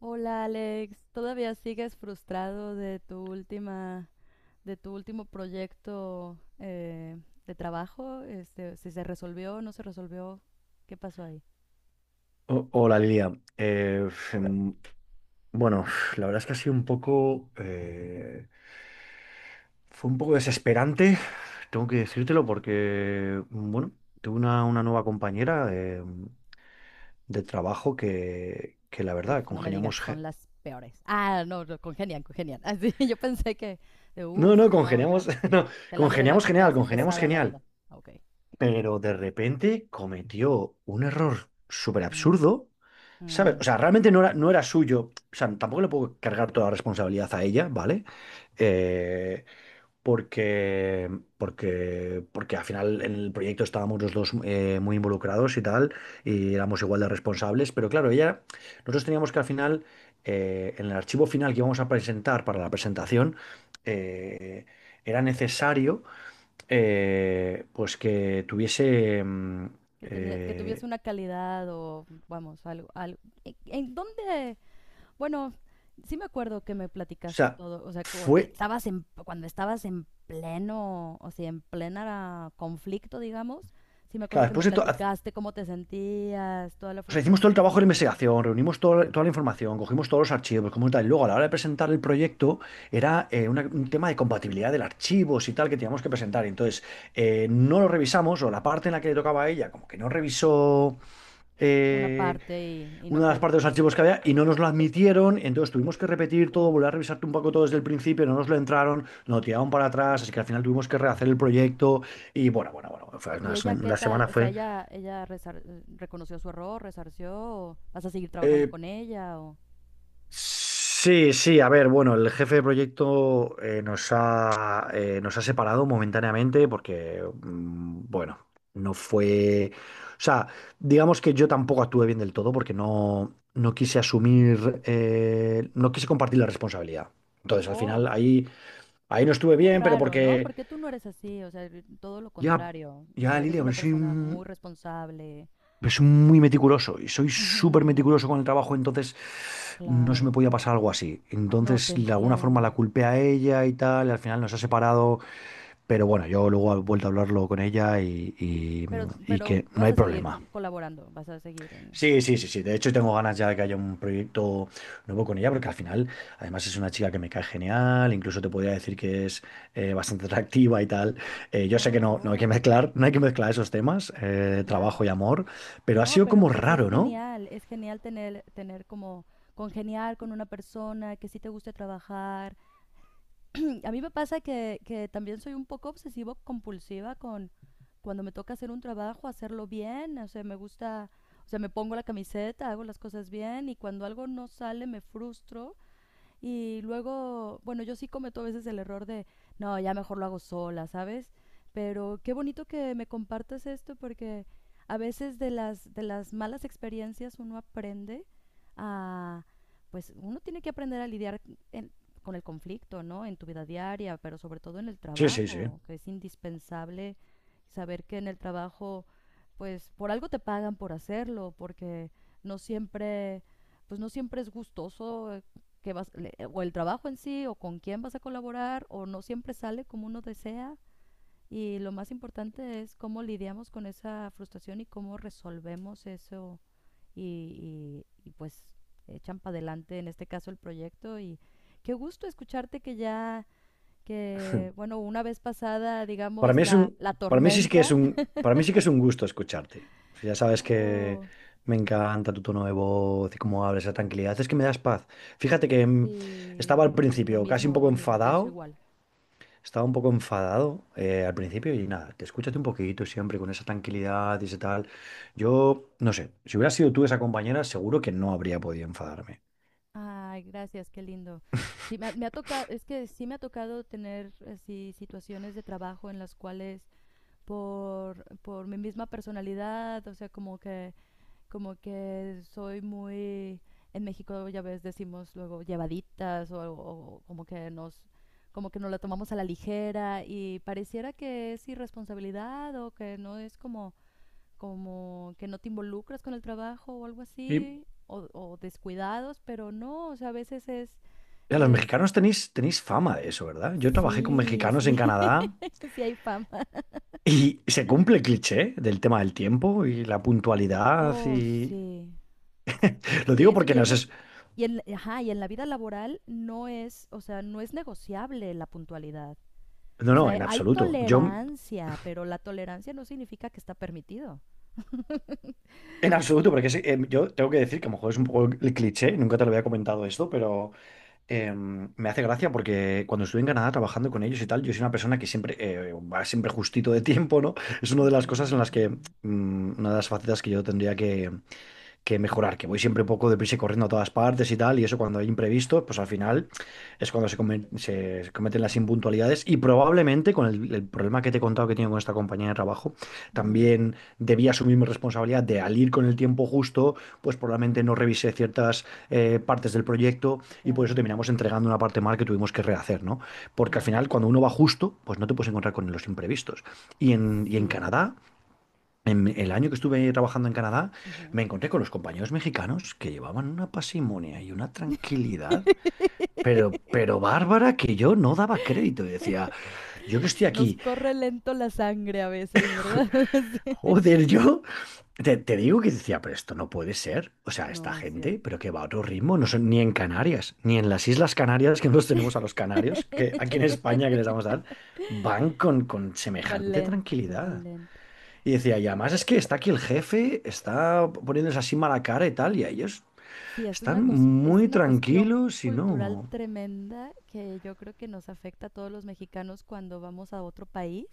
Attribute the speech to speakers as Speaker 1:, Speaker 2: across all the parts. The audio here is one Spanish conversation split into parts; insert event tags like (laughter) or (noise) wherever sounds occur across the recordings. Speaker 1: Hola Alex, ¿todavía sigues frustrado de tu última, de tu último proyecto de trabajo? ¿Si se resolvió, no se resolvió, qué pasó ahí?
Speaker 2: Hola, Lilia. Eh, em, bueno, la verdad es que ha sido un poco, fue un poco desesperante, tengo que decírtelo porque, bueno, tuve una nueva compañera de trabajo que la
Speaker 1: Uf,
Speaker 2: verdad,
Speaker 1: no me digas,
Speaker 2: congeniamos,
Speaker 1: son las peores. Ah, no, no, congenian, congenian. (laughs) Así, yo pensé que, de,
Speaker 2: no,
Speaker 1: uf,
Speaker 2: no,
Speaker 1: no, ya,
Speaker 2: congeniamos, (laughs)
Speaker 1: sí,
Speaker 2: no,
Speaker 1: te la hace, te hace
Speaker 2: congeniamos
Speaker 1: pesada la
Speaker 2: genial,
Speaker 1: vida. Ah, Ok.
Speaker 2: pero de repente cometió un error súper
Speaker 1: Mm,
Speaker 2: absurdo, ¿sabes?
Speaker 1: mm.
Speaker 2: O sea, realmente no era suyo, o sea, tampoco le puedo cargar toda la responsabilidad a ella, ¿vale? Eh, porque, porque al final en el proyecto estábamos los dos muy involucrados y tal, y éramos igual de responsables, pero claro, ella, nosotros teníamos que al final, en el archivo final que íbamos a presentar para la presentación, eh, era necesario, pues que tuviese.
Speaker 1: Que tenía, que tuviese
Speaker 2: Eh,
Speaker 1: una calidad o, vamos, algo, algo. ¿En dónde? Bueno, sí me acuerdo que me
Speaker 2: o
Speaker 1: platicaste
Speaker 2: sea,
Speaker 1: todo, o sea, como que
Speaker 2: fue.
Speaker 1: estabas en, cuando estabas en pleno, o sea, en plena conflicto, digamos, sí me acuerdo
Speaker 2: Claro,
Speaker 1: que me
Speaker 2: después de todo.
Speaker 1: platicaste cómo te sentías, toda la
Speaker 2: O sea, hicimos todo el trabajo de
Speaker 1: frustración,
Speaker 2: investigación, reunimos toda la información, cogimos todos los archivos, como tal. Y luego, a la hora de presentar el proyecto, era un tema de compatibilidad del archivos y tal que teníamos que presentar. Y entonces, no lo revisamos, o la parte en la que le tocaba a ella, como que no revisó
Speaker 1: una
Speaker 2: eh,
Speaker 1: parte y no
Speaker 2: una de las partes de
Speaker 1: quedó.
Speaker 2: los archivos que había y no nos lo admitieron, entonces tuvimos que repetir todo,
Speaker 1: Uf.
Speaker 2: volver a revisar un poco todo desde el principio, no nos lo entraron, nos lo tiraron para atrás, así que al final tuvimos que rehacer el proyecto y bueno, bueno, bueno, fue una,
Speaker 1: ¿Y ella qué
Speaker 2: una
Speaker 1: tal?
Speaker 2: semana
Speaker 1: O sea,
Speaker 2: fue.
Speaker 1: ella reconoció su error, resarció, o vas a seguir trabajando
Speaker 2: eh,
Speaker 1: con ella, o...
Speaker 2: Sí, sí, a ver, bueno, el jefe de proyecto nos ha separado momentáneamente porque, bueno, no fue. O sea, digamos que yo tampoco actué bien del todo porque no quise asumir, no quise compartir la responsabilidad. Entonces, al
Speaker 1: Oh,
Speaker 2: final, ahí no estuve
Speaker 1: muy
Speaker 2: bien, pero
Speaker 1: raro, ¿no?
Speaker 2: porque
Speaker 1: Porque tú no eres así, o sea, todo lo
Speaker 2: ya,
Speaker 1: contrario, o sea,
Speaker 2: ya,
Speaker 1: eres
Speaker 2: Lilia,
Speaker 1: una persona muy responsable.
Speaker 2: pero soy muy meticuloso y soy
Speaker 1: Ujú.
Speaker 2: súper meticuloso con el trabajo, entonces no se
Speaker 1: Claro,
Speaker 2: me podía pasar algo así.
Speaker 1: no te
Speaker 2: Entonces, de alguna forma la
Speaker 1: entiendo.
Speaker 2: culpé a ella y tal, y al final nos ha separado, pero bueno, yo luego he vuelto a hablarlo con ella y
Speaker 1: Pero
Speaker 2: que no
Speaker 1: vas
Speaker 2: hay
Speaker 1: a seguir
Speaker 2: problema.
Speaker 1: colaborando, vas a seguir en...
Speaker 2: Sí, sí, sí, sí. De hecho, tengo ganas ya de que haya un proyecto nuevo con ella, porque al final, además, es una chica que me cae genial, incluso te podría decir que es bastante atractiva y tal.
Speaker 1: Ah,
Speaker 2: Yo
Speaker 1: oh,
Speaker 2: sé que no, no hay que
Speaker 1: oh,
Speaker 2: mezclar, no hay que mezclar esos temas,
Speaker 1: ya.
Speaker 2: trabajo y amor, pero ha
Speaker 1: No,
Speaker 2: sido
Speaker 1: pero
Speaker 2: como
Speaker 1: pues
Speaker 2: raro, ¿no?
Speaker 1: es genial tener, tener como congeniar con una persona que sí te guste trabajar. (clears throat) A mí me pasa que también soy un poco obsesivo compulsiva con cuando me toca hacer un trabajo, hacerlo bien, o sea, me gusta, o sea, me pongo la camiseta, hago las cosas bien y cuando algo no sale me frustro. Y luego, bueno, yo sí cometo a veces el error de, no, ya mejor lo hago sola, ¿sabes? Pero qué bonito que me compartas esto porque a veces de las malas experiencias uno aprende a, pues uno tiene que aprender a lidiar en- con el conflicto, ¿no? En tu vida diaria, pero sobre todo en el
Speaker 2: Sí, sí, sí.
Speaker 1: trabajo, que es indispensable saber que en el trabajo, pues por algo te pagan por hacerlo, porque no siempre, pues no siempre es gustoso que vas, o el trabajo en sí, o con quién vas a colaborar, o no siempre sale como uno desea. Y lo más importante es cómo lidiamos con esa frustración y cómo resolvemos eso y, y, pues echan para adelante, en este caso, el proyecto. Y qué gusto escucharte que ya, que bueno, una vez pasada,
Speaker 2: Para
Speaker 1: digamos,
Speaker 2: mí es
Speaker 1: la,
Speaker 2: un,
Speaker 1: la
Speaker 2: para mí sí que es
Speaker 1: tormenta.
Speaker 2: un,
Speaker 1: (laughs)
Speaker 2: para mí sí que es un gusto escucharte. Ya sabes que
Speaker 1: Oh,
Speaker 2: me encanta tu tono de voz y cómo hablas, esa tranquilidad. Es que me das paz. Fíjate que estaba
Speaker 1: sí,
Speaker 2: al
Speaker 1: y
Speaker 2: principio casi un poco
Speaker 1: lo mismo, pienso
Speaker 2: enfadado,
Speaker 1: igual.
Speaker 2: estaba un poco enfadado al principio y nada, te escúchate un poquito siempre con esa tranquilidad y ese tal. Yo, no sé, si hubiera sido tú esa compañera, seguro que no habría podido enfadarme.
Speaker 1: Ay, gracias, qué lindo. Sí, me ha tocado,
Speaker 2: (laughs)
Speaker 1: es que sí me ha tocado tener así situaciones de trabajo en las cuales por mi misma personalidad, o sea, como que soy muy, en México ya ves, decimos luego llevaditas o como que nos la tomamos a la ligera y pareciera que es irresponsabilidad o que no es como como que no te involucras con el trabajo o algo
Speaker 2: Y
Speaker 1: así, o descuidados, pero no, o sea, a veces
Speaker 2: ya, los mexicanos
Speaker 1: es,
Speaker 2: tenéis fama de eso, ¿verdad? Yo trabajé con
Speaker 1: sí,
Speaker 2: mexicanos en
Speaker 1: sí,
Speaker 2: Canadá
Speaker 1: (laughs) sí hay fama.
Speaker 2: y se cumple el cliché del tema del tiempo y la puntualidad.
Speaker 1: Oh,
Speaker 2: Y...
Speaker 1: sí, sí,
Speaker 2: Lo
Speaker 1: sí,
Speaker 2: digo
Speaker 1: eso,
Speaker 2: porque
Speaker 1: y
Speaker 2: no
Speaker 1: eso es,
Speaker 2: es.
Speaker 1: y en, ajá, y en la vida laboral no es, o sea, no es negociable la puntualidad.
Speaker 2: No,
Speaker 1: O
Speaker 2: no, en
Speaker 1: sea, hay
Speaker 2: absoluto. Yo,
Speaker 1: tolerancia, pero la tolerancia no significa que está permitido.
Speaker 2: en absoluto, porque sí, yo tengo que decir que a lo mejor es un poco el cliché, nunca te lo había comentado esto, pero me hace gracia porque cuando estuve en Canadá trabajando con ellos y tal, yo soy una persona que siempre va siempre justito de tiempo, ¿no? Es una de las
Speaker 1: Ujú,
Speaker 2: cosas en las
Speaker 1: ujú,
Speaker 2: que. Una de las facetas que yo tendría que mejorar, que voy siempre un poco deprisa y corriendo a todas partes y tal, y eso cuando hay imprevisto, pues al final es cuando se cometen las impuntualidades y probablemente con el problema que te he contado que tengo con esta compañía de trabajo,
Speaker 1: ujú.
Speaker 2: también debía asumir mi responsabilidad de al ir con el tiempo justo, pues probablemente no revisé ciertas partes del proyecto y
Speaker 1: Ya,
Speaker 2: por eso terminamos entregando una parte mal que tuvimos que rehacer, ¿no? Porque al
Speaker 1: ya.
Speaker 2: final cuando uno va justo, pues no te puedes encontrar con los imprevistos. Y en
Speaker 1: Sí.
Speaker 2: Canadá, en el año que estuve trabajando en Canadá,
Speaker 1: Ujú.
Speaker 2: me encontré con los compañeros mexicanos que llevaban una pasimonia y una tranquilidad, pero
Speaker 1: (laughs)
Speaker 2: bárbara que yo no daba crédito. Y decía, yo que estoy
Speaker 1: Nos
Speaker 2: aquí,
Speaker 1: corre lento la sangre a veces, ¿verdad? (laughs)
Speaker 2: joder, yo te digo que decía, pero esto no puede ser. O
Speaker 1: Sí.
Speaker 2: sea, esta
Speaker 1: No es
Speaker 2: gente,
Speaker 1: cierto.
Speaker 2: pero que va a otro ritmo, no son ni en Canarias, ni en las Islas Canarias, que nos tenemos a los canarios, que aquí en España que les damos dar,
Speaker 1: (laughs)
Speaker 2: van con
Speaker 1: Va
Speaker 2: semejante
Speaker 1: lento, va
Speaker 2: tranquilidad.
Speaker 1: lento.
Speaker 2: Y decía, y además es que está aquí el jefe, está poniéndose así mala cara y tal, y a ellos
Speaker 1: Sí, es una,
Speaker 2: están
Speaker 1: es
Speaker 2: muy
Speaker 1: una cuestión
Speaker 2: tranquilos y
Speaker 1: cultural
Speaker 2: no.
Speaker 1: tremenda que yo creo que nos afecta a todos los mexicanos cuando vamos a otro país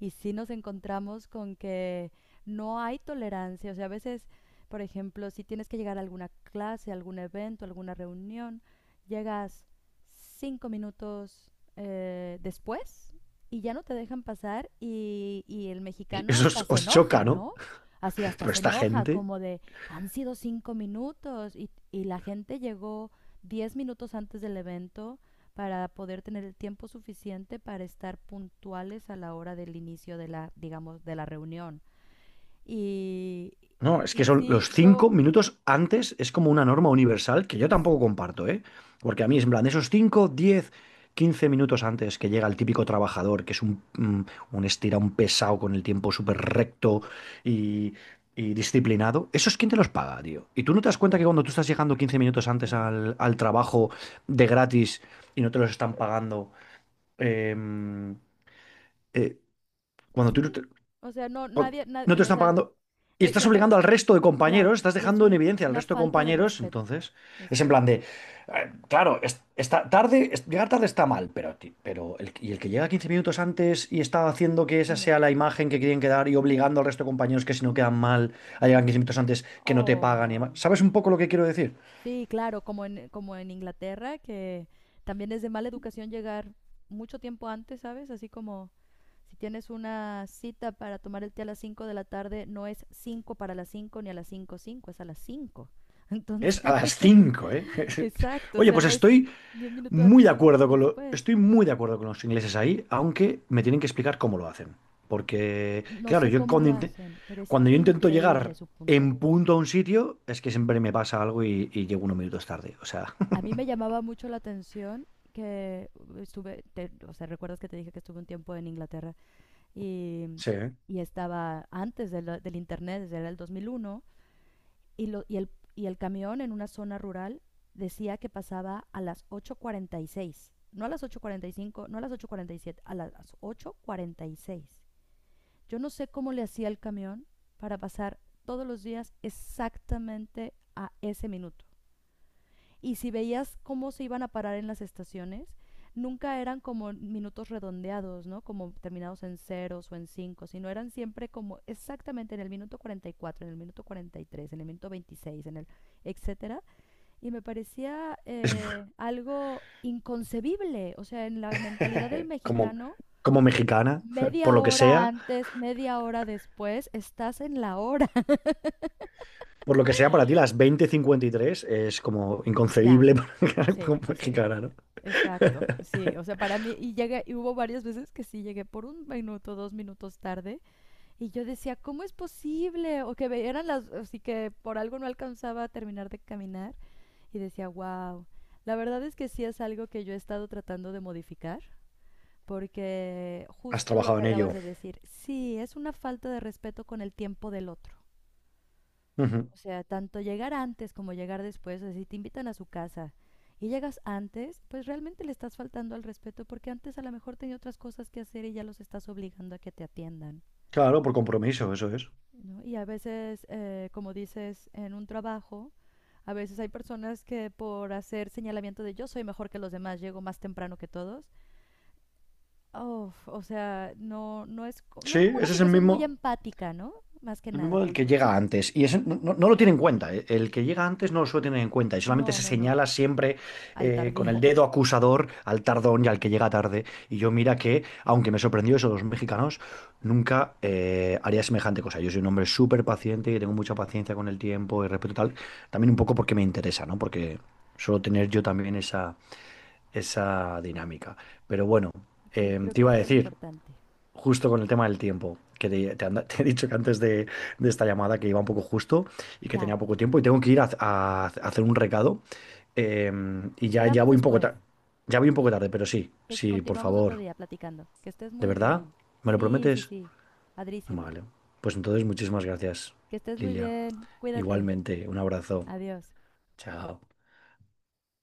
Speaker 1: y sí nos encontramos con que no hay tolerancia. O sea, a veces, por ejemplo, si tienes que llegar a alguna clase, algún evento, alguna reunión, llegas 5 minutos después y ya no te dejan pasar y el
Speaker 2: Y
Speaker 1: mexicano
Speaker 2: eso os,
Speaker 1: hasta se
Speaker 2: os choca,
Speaker 1: enoja,
Speaker 2: ¿no?
Speaker 1: ¿no? Así hasta
Speaker 2: Pero
Speaker 1: se
Speaker 2: esta
Speaker 1: enoja,
Speaker 2: gente.
Speaker 1: como de, han sido 5 minutos y la gente llegó 10 minutos antes del evento para poder tener el tiempo suficiente para estar puntuales a la hora del inicio de la, digamos, de la reunión. Y,
Speaker 2: No, es
Speaker 1: y
Speaker 2: que son
Speaker 1: sí,
Speaker 2: los cinco
Speaker 1: yo,
Speaker 2: minutos antes, es como una norma universal que yo tampoco
Speaker 1: sí,
Speaker 2: comparto, ¿eh? Porque a mí es en plan, esos 5, 10, 15 minutos antes que llega el típico trabajador, que es un, un estira, un pesado con el tiempo súper recto y, y disciplinado, ¿eso es quién te los paga, tío? Y tú no te das cuenta que cuando tú estás llegando 15 minutos antes
Speaker 1: claro,
Speaker 2: al trabajo de gratis y no te los están pagando. em, eh, cuando tú no
Speaker 1: sí,
Speaker 2: te,
Speaker 1: o sea, no,
Speaker 2: cuan-
Speaker 1: nadie,
Speaker 2: No te
Speaker 1: no, o
Speaker 2: están
Speaker 1: sea,
Speaker 2: pagando y
Speaker 1: y
Speaker 2: estás
Speaker 1: aparte,
Speaker 2: obligando al resto de
Speaker 1: claro,
Speaker 2: compañeros, estás
Speaker 1: y es
Speaker 2: dejando en
Speaker 1: un,
Speaker 2: evidencia al
Speaker 1: una
Speaker 2: resto de
Speaker 1: falta de
Speaker 2: compañeros,
Speaker 1: respeto,
Speaker 2: entonces
Speaker 1: es
Speaker 2: es en
Speaker 1: una,
Speaker 2: plan de, claro, está tarde, llegar tarde está mal, pero, pero el, y el que llega 15 minutos antes y está haciendo que
Speaker 1: oh,
Speaker 2: esa
Speaker 1: no,
Speaker 2: sea la imagen que quieren quedar y obligando al resto de compañeros que si no quedan
Speaker 1: mm,
Speaker 2: mal a llegar
Speaker 1: no,
Speaker 2: 15 minutos antes, que no te
Speaker 1: oh,
Speaker 2: pagan y demás.
Speaker 1: no,
Speaker 2: ¿Sabes un
Speaker 1: sí,
Speaker 2: poco lo que quiero decir?
Speaker 1: sí, claro, como en, como en Inglaterra, que también es de mala educación llegar mucho tiempo antes, ¿sabes? Así como... Si tienes una cita para tomar el té a las cinco de la tarde, no es 5 para las 5 ni a las 5 cinco, es a las 5.
Speaker 2: Es a
Speaker 1: Entonces,
Speaker 2: las 5,
Speaker 1: (laughs)
Speaker 2: ¿eh? (laughs)
Speaker 1: exacto, o
Speaker 2: Oye,
Speaker 1: sea,
Speaker 2: pues
Speaker 1: no es
Speaker 2: estoy
Speaker 1: 10 minutos
Speaker 2: muy
Speaker 1: antes,
Speaker 2: de
Speaker 1: 10
Speaker 2: acuerdo
Speaker 1: minutos
Speaker 2: con lo,
Speaker 1: después.
Speaker 2: estoy muy de acuerdo con los ingleses ahí, aunque me tienen que explicar cómo lo hacen. Porque,
Speaker 1: No
Speaker 2: claro,
Speaker 1: sé
Speaker 2: yo
Speaker 1: cómo lo hacen, pero es
Speaker 2: cuando yo intento
Speaker 1: increíble
Speaker 2: llegar
Speaker 1: su
Speaker 2: en
Speaker 1: puntualidad.
Speaker 2: punto a un sitio, es que siempre me pasa algo y llego unos minutos tarde. O sea,
Speaker 1: A mí me llamaba mucho la atención que estuve, o sea, recuerdas que te dije que estuve un tiempo en Inglaterra y,
Speaker 2: (laughs) sí. ¿Eh?
Speaker 1: y estaba antes del internet, desde el 2001, y, lo, y el camión en una zona rural decía que pasaba a las 8:46. No a las 8:45, no a las 8:47, a las ocho cuarenta y seis. Yo no sé cómo le hacía el camión para pasar todos los días exactamente a ese minuto. Y si veías cómo se iban a parar en las estaciones, nunca eran como minutos redondeados, ¿no? Como terminados en ceros o en cinco, sino eran siempre como exactamente en el minuto 44, en el minuto 43, en el minuto 26, en el etcétera. Y me parecía
Speaker 2: Es
Speaker 1: algo inconcebible, o sea, en la mentalidad del
Speaker 2: (laughs) como,
Speaker 1: mexicano,
Speaker 2: como mexicana, por
Speaker 1: media
Speaker 2: lo que
Speaker 1: hora
Speaker 2: sea,
Speaker 1: antes, media hora después, estás en la hora. (laughs)
Speaker 2: por lo que sea para ti, las 20:53 es como
Speaker 1: Ya,
Speaker 2: inconcebible (laughs) para
Speaker 1: sí,
Speaker 2: como
Speaker 1: así.
Speaker 2: mexicana, ¿no?
Speaker 1: Exacto, sí, o sea, para mí, y llegué, y hubo varias veces que sí llegué por un minuto, dos minutos tarde, y yo decía, ¿cómo es posible? O que eran las, así que por algo no alcanzaba a terminar de caminar, y decía, wow, la verdad es que sí es algo que yo he estado tratando de modificar, porque
Speaker 2: Has
Speaker 1: justo lo
Speaker 2: trabajado
Speaker 1: que
Speaker 2: en
Speaker 1: acabas
Speaker 2: ello.
Speaker 1: de decir, sí, es una falta de respeto con el tiempo del otro.
Speaker 2: Ujú.
Speaker 1: O sea, tanto llegar antes como llegar después, o sea, si te invitan a su casa y llegas antes, pues realmente le estás faltando al respeto porque antes a lo mejor tenía otras cosas que hacer y ya los estás obligando a que te atiendan.
Speaker 2: Claro, por compromiso, eso es.
Speaker 1: ¿No? Y a veces, como dices, en un trabajo, a veces hay personas que por hacer señalamiento de yo soy mejor que los demás, llego más temprano que todos. Oh, o sea, no, no, es, no
Speaker 2: Sí,
Speaker 1: es como una
Speaker 2: ese es el
Speaker 1: situación muy
Speaker 2: mismo.
Speaker 1: empática, ¿no? Más que
Speaker 2: El
Speaker 1: nada,
Speaker 2: mismo del
Speaker 1: con
Speaker 2: que llega
Speaker 1: tus...
Speaker 2: antes. Y eso no lo tiene en cuenta. El que llega antes no lo suele tener en cuenta. Y solamente
Speaker 1: No,
Speaker 2: se
Speaker 1: no, no,
Speaker 2: señala siempre
Speaker 1: al
Speaker 2: con el
Speaker 1: tardío. (laughs)
Speaker 2: dedo acusador al tardón y al que llega tarde. Y yo mira que, aunque me sorprendió eso de los mexicanos, nunca haría semejante cosa. Yo soy un hombre súper paciente y tengo mucha paciencia con el tiempo y respeto y tal. También un poco porque me interesa, ¿no? Porque suelo tener yo también esa dinámica. Pero bueno,
Speaker 1: Sí, creo
Speaker 2: te
Speaker 1: que es
Speaker 2: iba a
Speaker 1: bien
Speaker 2: decir
Speaker 1: importante.
Speaker 2: justo con el tema del tiempo, que (laughs) te he dicho que antes de esta llamada que iba un poco justo y que
Speaker 1: Ya,
Speaker 2: tenía poco tiempo y tengo que ir a, a hacer un recado, eh, y ya
Speaker 1: quedamos
Speaker 2: voy un poco
Speaker 1: después.
Speaker 2: tarde, ya voy un poco tarde, pero sí, sí, por
Speaker 1: Continuamos otro
Speaker 2: favor,
Speaker 1: día platicando. Que estés
Speaker 2: ¿de
Speaker 1: muy
Speaker 2: verdad?
Speaker 1: bien.
Speaker 2: ¿Me lo
Speaker 1: Sí, sí,
Speaker 2: prometes?
Speaker 1: sí. Padrísimo.
Speaker 2: Vale, pues entonces muchísimas gracias,
Speaker 1: Que estés muy
Speaker 2: Lilia.
Speaker 1: bien. Cuídate.
Speaker 2: Igualmente, un abrazo.
Speaker 1: Adiós.
Speaker 2: Chao.